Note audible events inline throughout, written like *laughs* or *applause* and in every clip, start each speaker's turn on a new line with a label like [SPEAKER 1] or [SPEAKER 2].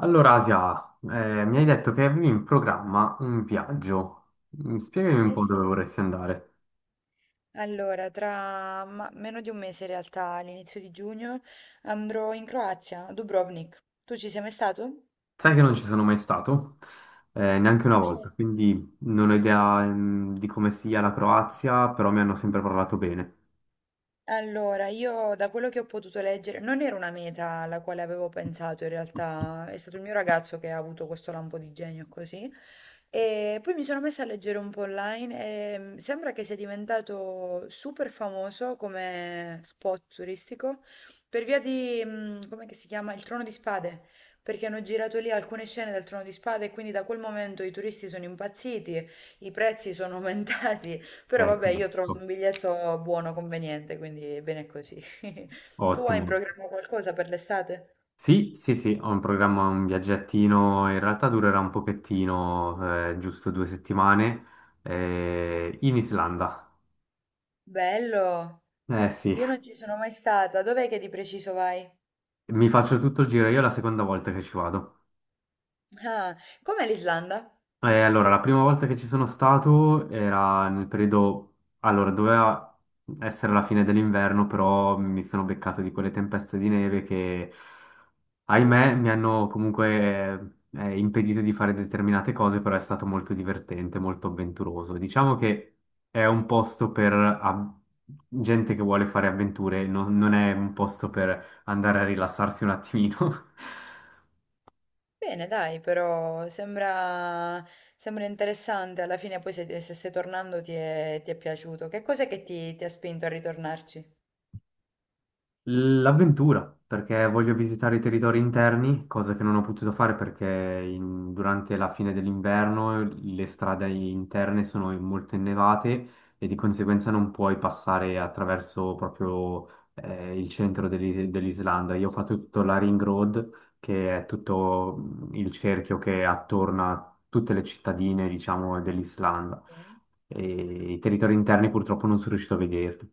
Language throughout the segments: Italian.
[SPEAKER 1] Allora, Asia, mi hai detto che avevi in programma un viaggio. Spiegami un
[SPEAKER 2] Eh
[SPEAKER 1] po'
[SPEAKER 2] sì,
[SPEAKER 1] dove vorresti andare.
[SPEAKER 2] allora tra meno di un mese in realtà, all'inizio di giugno, andrò in Croazia, a Dubrovnik. Tu ci sei mai stato?
[SPEAKER 1] Sai che non ci sono mai stato, neanche una volta,
[SPEAKER 2] Eh.
[SPEAKER 1] quindi non ho idea, di come sia la Croazia, però mi hanno sempre parlato bene.
[SPEAKER 2] Allora, io da quello che ho potuto leggere, non era una meta alla quale avevo pensato in realtà, è stato il mio ragazzo che ha avuto questo lampo di genio così. E poi mi sono messa a leggere un po' online e sembra che sia diventato super famoso come spot turistico per via di, com'è che si chiama? Il Trono di Spade, perché hanno girato lì alcune scene del Trono di Spade e quindi da quel momento i turisti sono impazziti, i prezzi sono *laughs* aumentati, però vabbè, io ho trovato
[SPEAKER 1] Capisco.
[SPEAKER 2] un biglietto buono, conveniente, quindi bene così. *laughs* Tu hai in
[SPEAKER 1] Ottimo.
[SPEAKER 2] programma qualcosa per l'estate?
[SPEAKER 1] Sì, sì, sì, ho in programma un viaggettino, in realtà durerà un pochettino, giusto 2 settimane, in Islanda.
[SPEAKER 2] Bello!
[SPEAKER 1] Eh sì,
[SPEAKER 2] Io non ci sono mai stata, dov'è che di preciso vai?
[SPEAKER 1] mi faccio tutto il giro, io è la seconda volta che ci vado.
[SPEAKER 2] Ah, com'è l'Islanda?
[SPEAKER 1] La prima volta che ci sono stato era nel periodo, allora, doveva essere la fine dell'inverno, però mi sono beccato di quelle tempeste di neve che, ahimè,
[SPEAKER 2] Uff.
[SPEAKER 1] mi hanno comunque impedito di fare determinate cose, però è stato molto divertente, molto avventuroso. Diciamo che è un posto per gente che vuole fare avventure, non è un posto per andare a rilassarsi un attimino. *laughs*
[SPEAKER 2] Bene, dai, però sembra, sembra interessante. Alla fine poi se, se stai tornando ti è piaciuto. Che cos'è che ti ha spinto a ritornarci?
[SPEAKER 1] L'avventura, perché voglio visitare i territori interni, cosa che non ho potuto fare perché durante la fine dell'inverno le strade interne sono molto innevate e di conseguenza non puoi passare attraverso proprio il centro dell'Islanda. Io ho fatto tutto la Ring Road, che è tutto il cerchio che attorna a tutte le cittadine, diciamo, dell'Islanda.
[SPEAKER 2] Ok.
[SPEAKER 1] E i territori interni purtroppo non sono riuscito a vederli.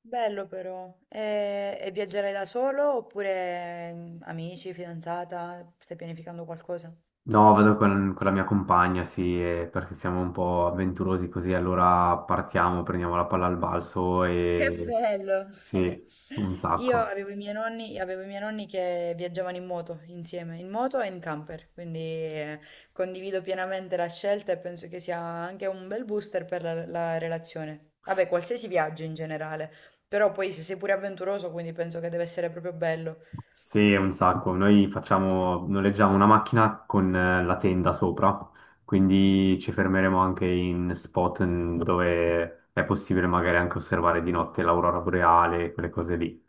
[SPEAKER 2] Bello però. E viaggerai da solo oppure amici, fidanzata? Stai pianificando qualcosa?
[SPEAKER 1] No, vado con la mia compagna, sì, perché siamo un po' avventurosi così, allora partiamo, prendiamo la palla al balzo
[SPEAKER 2] Che
[SPEAKER 1] e
[SPEAKER 2] bello!
[SPEAKER 1] sì, un
[SPEAKER 2] *laughs* Io
[SPEAKER 1] sacco.
[SPEAKER 2] avevo i miei nonni, avevo i miei nonni che viaggiavano in moto insieme, in moto e in camper, quindi condivido pienamente la scelta e penso che sia anche un bel booster per la, la relazione. Vabbè, qualsiasi viaggio in generale, però poi se sei pure avventuroso, quindi penso che deve essere proprio bello.
[SPEAKER 1] Sì, un sacco. Noi facciamo, noleggiamo una macchina con la tenda sopra, quindi
[SPEAKER 2] Mm.
[SPEAKER 1] ci fermeremo anche in spot dove è possibile magari anche osservare di notte l'aurora boreale, quelle cose lì.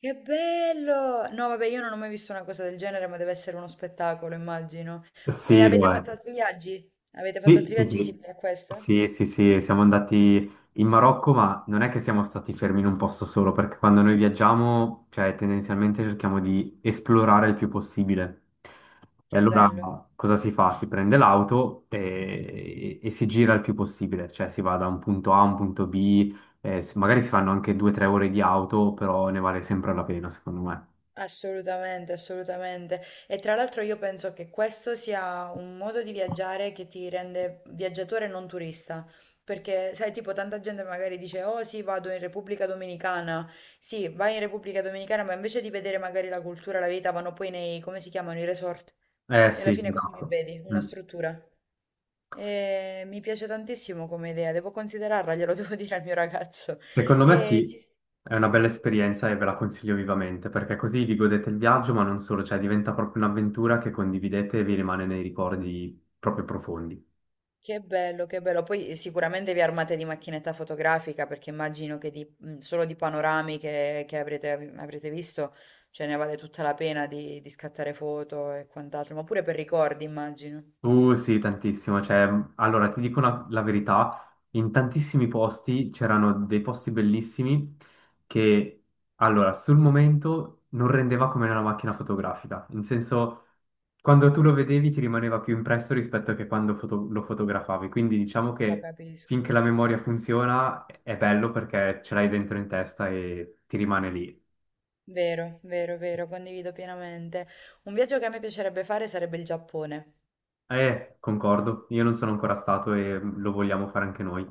[SPEAKER 2] Che bello! No, vabbè, io non ho mai visto una cosa del genere, ma deve essere uno spettacolo, immagino. E
[SPEAKER 1] Sì, lo
[SPEAKER 2] avete
[SPEAKER 1] è.
[SPEAKER 2] fatto altri viaggi? Avete fatto
[SPEAKER 1] Sì,
[SPEAKER 2] altri
[SPEAKER 1] sì,
[SPEAKER 2] viaggi
[SPEAKER 1] sì,
[SPEAKER 2] simili a questo?
[SPEAKER 1] sì, sì, sì, siamo andati in Marocco, ma non è che siamo stati fermi in un posto solo, perché quando noi viaggiamo, cioè tendenzialmente cerchiamo di esplorare il più possibile. E
[SPEAKER 2] Che
[SPEAKER 1] allora
[SPEAKER 2] bello,
[SPEAKER 1] cosa si fa? Si prende l'auto e si gira il più possibile, cioè si va da un punto A a un punto B, magari si fanno anche 2 o 3 ore di auto, però ne vale sempre la pena, secondo me.
[SPEAKER 2] assolutamente, assolutamente. E tra l'altro io penso che questo sia un modo di viaggiare che ti rende viaggiatore e non turista, perché sai, tipo tanta gente magari dice, oh sì, vado in Repubblica Dominicana, sì, vai in Repubblica Dominicana, ma invece di vedere magari la cultura, la vita, vanno poi nei, come si chiamano, i resort.
[SPEAKER 1] Eh
[SPEAKER 2] E alla
[SPEAKER 1] sì,
[SPEAKER 2] fine cosa che
[SPEAKER 1] esatto.
[SPEAKER 2] vedi? Una
[SPEAKER 1] Mm.
[SPEAKER 2] struttura. E mi piace tantissimo come idea, devo considerarla, glielo *laughs* devo dire al mio ragazzo.
[SPEAKER 1] Secondo me
[SPEAKER 2] E ci...
[SPEAKER 1] sì, è una bella esperienza e
[SPEAKER 2] sì.
[SPEAKER 1] ve la consiglio vivamente, perché così vi godete il viaggio, ma non solo, cioè diventa proprio un'avventura che condividete e vi rimane nei ricordi proprio profondi.
[SPEAKER 2] Che bello, che bello. Poi sicuramente vi armate di macchinetta fotografica perché immagino che solo di panorami che avrete, avrete visto ce ne vale tutta la pena di scattare foto e quant'altro, ma pure per ricordi immagino.
[SPEAKER 1] Sì, tantissimo. Cioè, allora, ti dico la verità, in tantissimi posti c'erano dei posti bellissimi che, allora, sul momento non rendeva come una macchina fotografica. In senso, quando tu lo vedevi ti rimaneva più impresso rispetto che quando lo fotografavi. Quindi diciamo
[SPEAKER 2] Lo
[SPEAKER 1] che
[SPEAKER 2] capisco.
[SPEAKER 1] finché la memoria funziona è bello perché ce l'hai dentro in testa e ti rimane lì.
[SPEAKER 2] Vero, vero, vero, condivido pienamente. Un viaggio che a me piacerebbe fare sarebbe il Giappone.
[SPEAKER 1] Concordo, io non sono ancora stato e lo vogliamo fare anche noi.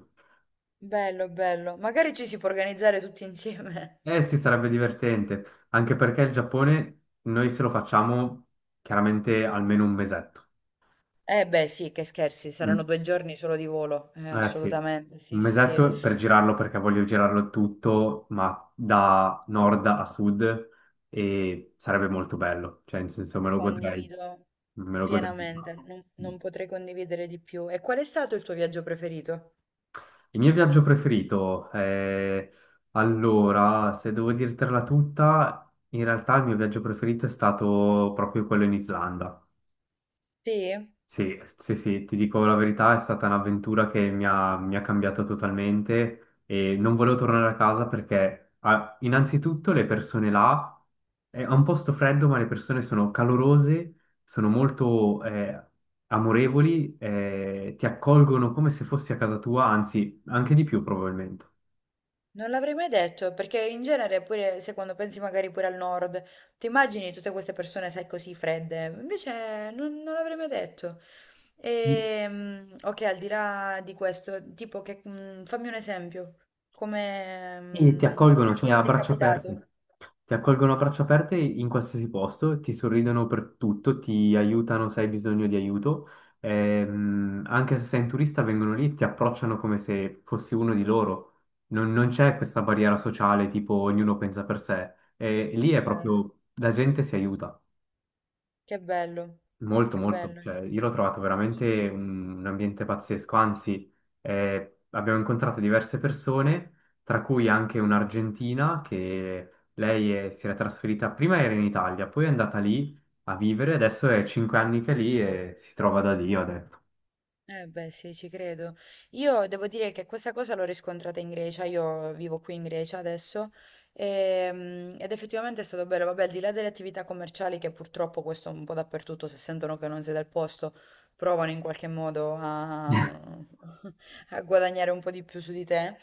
[SPEAKER 2] Bello, bello. Magari ci si può organizzare tutti insieme.
[SPEAKER 1] Eh sì, sarebbe divertente, anche perché il Giappone noi se lo facciamo chiaramente almeno un mesetto.
[SPEAKER 2] Eh beh, sì, che scherzi, saranno
[SPEAKER 1] Mm,
[SPEAKER 2] 2 giorni solo di volo.
[SPEAKER 1] eh sì,
[SPEAKER 2] Assolutamente,
[SPEAKER 1] un
[SPEAKER 2] sì, sì, sì.
[SPEAKER 1] mesetto per girarlo perché voglio girarlo tutto, ma da nord a sud e sarebbe molto bello, cioè in senso
[SPEAKER 2] Condivido.
[SPEAKER 1] me lo godrei un
[SPEAKER 2] Pienamente,
[SPEAKER 1] sacco.
[SPEAKER 2] non,
[SPEAKER 1] Mm.
[SPEAKER 2] non potrei condividere di più. E qual è stato il tuo viaggio preferito?
[SPEAKER 1] Il mio viaggio preferito, se devo dirtela tutta, in realtà il mio viaggio preferito è stato proprio quello in Islanda.
[SPEAKER 2] Sì?
[SPEAKER 1] Sì, sì, sì, ti dico la verità, è stata un'avventura che mi ha cambiato totalmente e non volevo tornare a casa perché ah, innanzitutto le persone là, è un posto freddo, ma le persone sono calorose, sono molto amorevoli, ti accolgono come se fossi a casa tua, anzi anche di più probabilmente.
[SPEAKER 2] Non l'avrei mai detto, perché in genere pure se quando pensi magari pure al nord, ti immagini tutte queste persone, sai, così fredde. Invece non, non l'avrei mai detto. E, ok, al di là di questo, tipo che, fammi un esempio. Come,
[SPEAKER 1] E ti accolgono,
[SPEAKER 2] cioè,
[SPEAKER 1] cioè
[SPEAKER 2] cosa
[SPEAKER 1] a
[SPEAKER 2] ti è
[SPEAKER 1] braccia aperte.
[SPEAKER 2] capitato?
[SPEAKER 1] Ti accolgono a braccia aperte in qualsiasi posto, ti sorridono per tutto, ti aiutano se hai bisogno di aiuto. Anche se sei un turista, vengono lì e ti approcciano come se fossi uno di loro. Non c'è questa barriera sociale, tipo ognuno pensa per sé. E lì è
[SPEAKER 2] Eh,
[SPEAKER 1] proprio la gente si aiuta.
[SPEAKER 2] che bello,
[SPEAKER 1] Molto,
[SPEAKER 2] che
[SPEAKER 1] molto,
[SPEAKER 2] bello.
[SPEAKER 1] cioè, io l'ho trovato veramente un ambiente pazzesco, anzi abbiamo incontrato diverse persone, tra cui anche un'argentina che si era trasferita, prima era in Italia, poi è andata lì a vivere, adesso è 5 anni che è lì e si trova da Dio, ha detto.
[SPEAKER 2] Eh beh, sì, ci credo. Io devo dire che questa cosa l'ho riscontrata in Grecia, io vivo qui in Grecia adesso. Ehm, ed effettivamente è stato bello, vabbè, al di là delle attività commerciali che purtroppo questo un po' dappertutto, se sentono che non sei del posto, provano in qualche modo a,
[SPEAKER 1] *laughs*
[SPEAKER 2] *laughs* a guadagnare un po' di più su di te,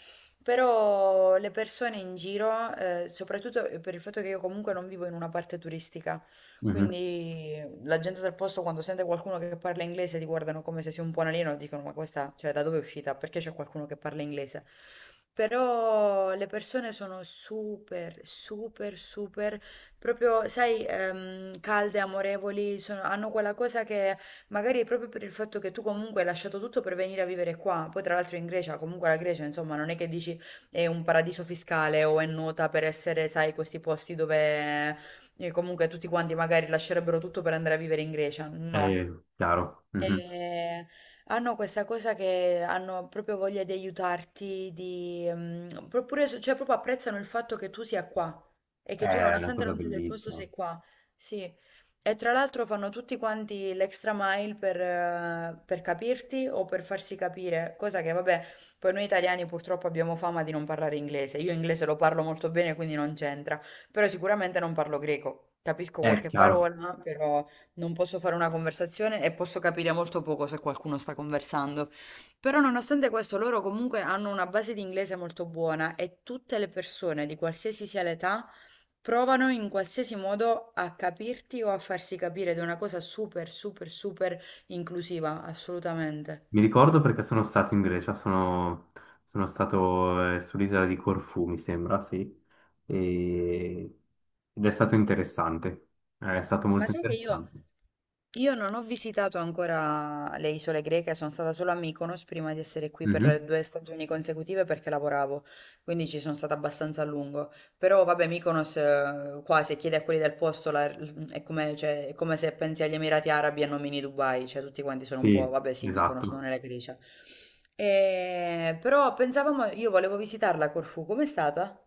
[SPEAKER 2] però le persone in giro, soprattutto per il fatto che io comunque non vivo in una parte turistica,
[SPEAKER 1] Mhm,
[SPEAKER 2] quindi la gente del posto quando sente qualcuno che parla inglese ti guardano come se sia un po' un alieno e dicono ma questa, cioè da dove è uscita? Perché c'è qualcuno che parla inglese? Però le persone sono super, super, super, proprio, sai, calde, amorevoli, hanno quella cosa che magari proprio per il fatto che tu comunque hai lasciato tutto per venire a vivere qua, poi tra l'altro in Grecia, comunque la Grecia, insomma, non è che dici è un paradiso fiscale o è nota per essere, sai, questi posti dove e comunque tutti quanti magari lascerebbero tutto per andare a vivere in Grecia.
[SPEAKER 1] è
[SPEAKER 2] No,
[SPEAKER 1] chiaro, mhm.
[SPEAKER 2] e hanno questa cosa che hanno proprio voglia di aiutarti, di, pure cioè proprio apprezzano il fatto che tu sia qua e che tu
[SPEAKER 1] È una
[SPEAKER 2] nonostante
[SPEAKER 1] cosa
[SPEAKER 2] non sia del posto
[SPEAKER 1] bellissima.
[SPEAKER 2] sei qua. Sì. E tra l'altro fanno tutti quanti l'extra mile per capirti o per farsi capire, cosa che vabbè, poi noi italiani purtroppo abbiamo fama di non parlare inglese. Io inglese lo parlo molto bene, quindi non c'entra, però sicuramente non parlo greco. Capisco
[SPEAKER 1] È
[SPEAKER 2] qualche
[SPEAKER 1] chiaro.
[SPEAKER 2] parola, però non posso fare una conversazione e posso capire molto poco se qualcuno sta conversando. Però nonostante questo, loro comunque hanno una base di inglese molto buona e tutte le persone, di qualsiasi sia l'età, provano in qualsiasi modo a capirti o a farsi capire ed è una cosa super, super, super inclusiva, assolutamente.
[SPEAKER 1] Mi ricordo perché sono stato in Grecia, sono stato sull'isola di Corfù, mi sembra, sì, E- ed è stato interessante, eh, è stato
[SPEAKER 2] Ma
[SPEAKER 1] molto
[SPEAKER 2] sai che io
[SPEAKER 1] interessante.
[SPEAKER 2] Io non ho visitato ancora le isole greche, sono stata solo a Mykonos prima di essere qui per
[SPEAKER 1] Mhm.
[SPEAKER 2] due stagioni consecutive perché lavoravo, quindi ci sono stata abbastanza a lungo. Però vabbè, Mykonos, qua se chiedi a quelli del posto è come, cioè, è come se pensi agli Emirati Arabi e nomini Dubai, cioè tutti quanti sono un po',
[SPEAKER 1] Sì,
[SPEAKER 2] vabbè sì, Mykonos non
[SPEAKER 1] esatto.
[SPEAKER 2] è la Grecia. Però pensavamo, io volevo visitarla a Corfù, com'è stata?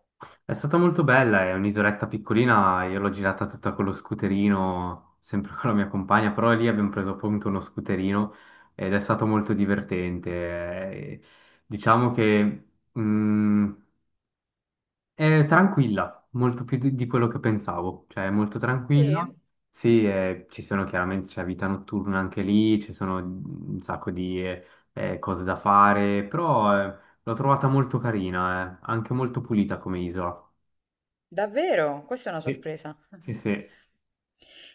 [SPEAKER 1] È stata molto bella, è un'isoletta piccolina, io l'ho girata tutta con lo scooterino, sempre *laughs* con la mia compagna, però lì abbiamo preso appunto uno scooterino ed è stato molto divertente. Diciamo che... mm, È tranquilla, molto più di quello che pensavo, cioè è molto
[SPEAKER 2] Sì?
[SPEAKER 1] tranquilla. Sì, ci sono chiaramente, c'è vita notturna anche lì, ci sono un sacco di cose da fare, però l'ho trovata molto carina, anche molto pulita come isola.
[SPEAKER 2] Davvero? Questa è una
[SPEAKER 1] Sì,
[SPEAKER 2] sorpresa.
[SPEAKER 1] sì,
[SPEAKER 2] *laughs*
[SPEAKER 1] sì.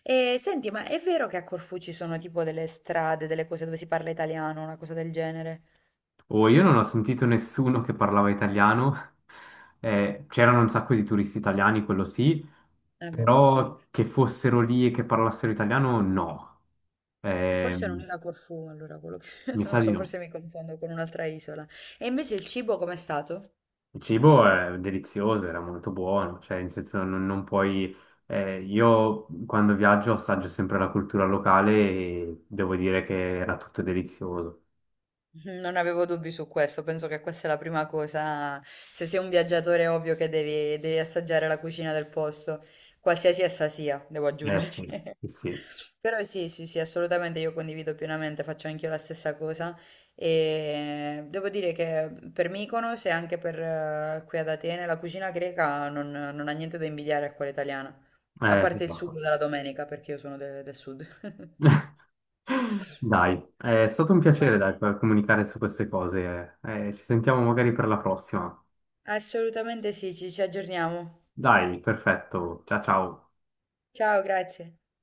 [SPEAKER 2] E senti, ma è vero che a Corfù ci sono tipo delle strade, delle cose dove si parla italiano, una cosa del genere?
[SPEAKER 1] Oh, io non ho sentito nessuno che parlava italiano, *laughs* c'erano un sacco di turisti italiani, quello sì,
[SPEAKER 2] Eh beh, quello
[SPEAKER 1] però
[SPEAKER 2] sempre.
[SPEAKER 1] che fossero lì e che parlassero italiano, no.
[SPEAKER 2] E forse non
[SPEAKER 1] Ehm,
[SPEAKER 2] era Corfù, allora quello che... *laughs*
[SPEAKER 1] Mi
[SPEAKER 2] Non
[SPEAKER 1] sa
[SPEAKER 2] lo
[SPEAKER 1] di
[SPEAKER 2] so,
[SPEAKER 1] no.
[SPEAKER 2] forse mi confondo con un'altra isola. E invece il cibo com'è stato?
[SPEAKER 1] Il cibo è delizioso, era molto buono, cioè in senso non puoi... io quando viaggio assaggio sempre la cultura locale e devo dire che era tutto delizioso.
[SPEAKER 2] Non avevo dubbi su questo, penso che questa è la prima cosa. Se sei un viaggiatore è ovvio che devi, devi assaggiare la cucina del posto, qualsiasi essa sia, devo
[SPEAKER 1] Eh sì,
[SPEAKER 2] aggiungere.
[SPEAKER 1] sì,
[SPEAKER 2] *laughs*
[SPEAKER 1] sì.
[SPEAKER 2] Però sì, sì, sì, assolutamente io condivido pienamente, faccio anch'io la stessa cosa e devo dire che per Mykonos e anche per qui ad Atene la cucina greca non, non ha niente da invidiare a quella italiana, a parte il sugo
[SPEAKER 1] Esatto.
[SPEAKER 2] della domenica, perché io sono del sud. *laughs*
[SPEAKER 1] Dai, è stato un
[SPEAKER 2] Va
[SPEAKER 1] piacere, dai,
[SPEAKER 2] bene.
[SPEAKER 1] per comunicare su queste cose. Eh, ci sentiamo magari per la prossima.
[SPEAKER 2] Assolutamente sì, ci aggiorniamo.
[SPEAKER 1] Dai, perfetto, ciao ciao.
[SPEAKER 2] Ciao, grazie.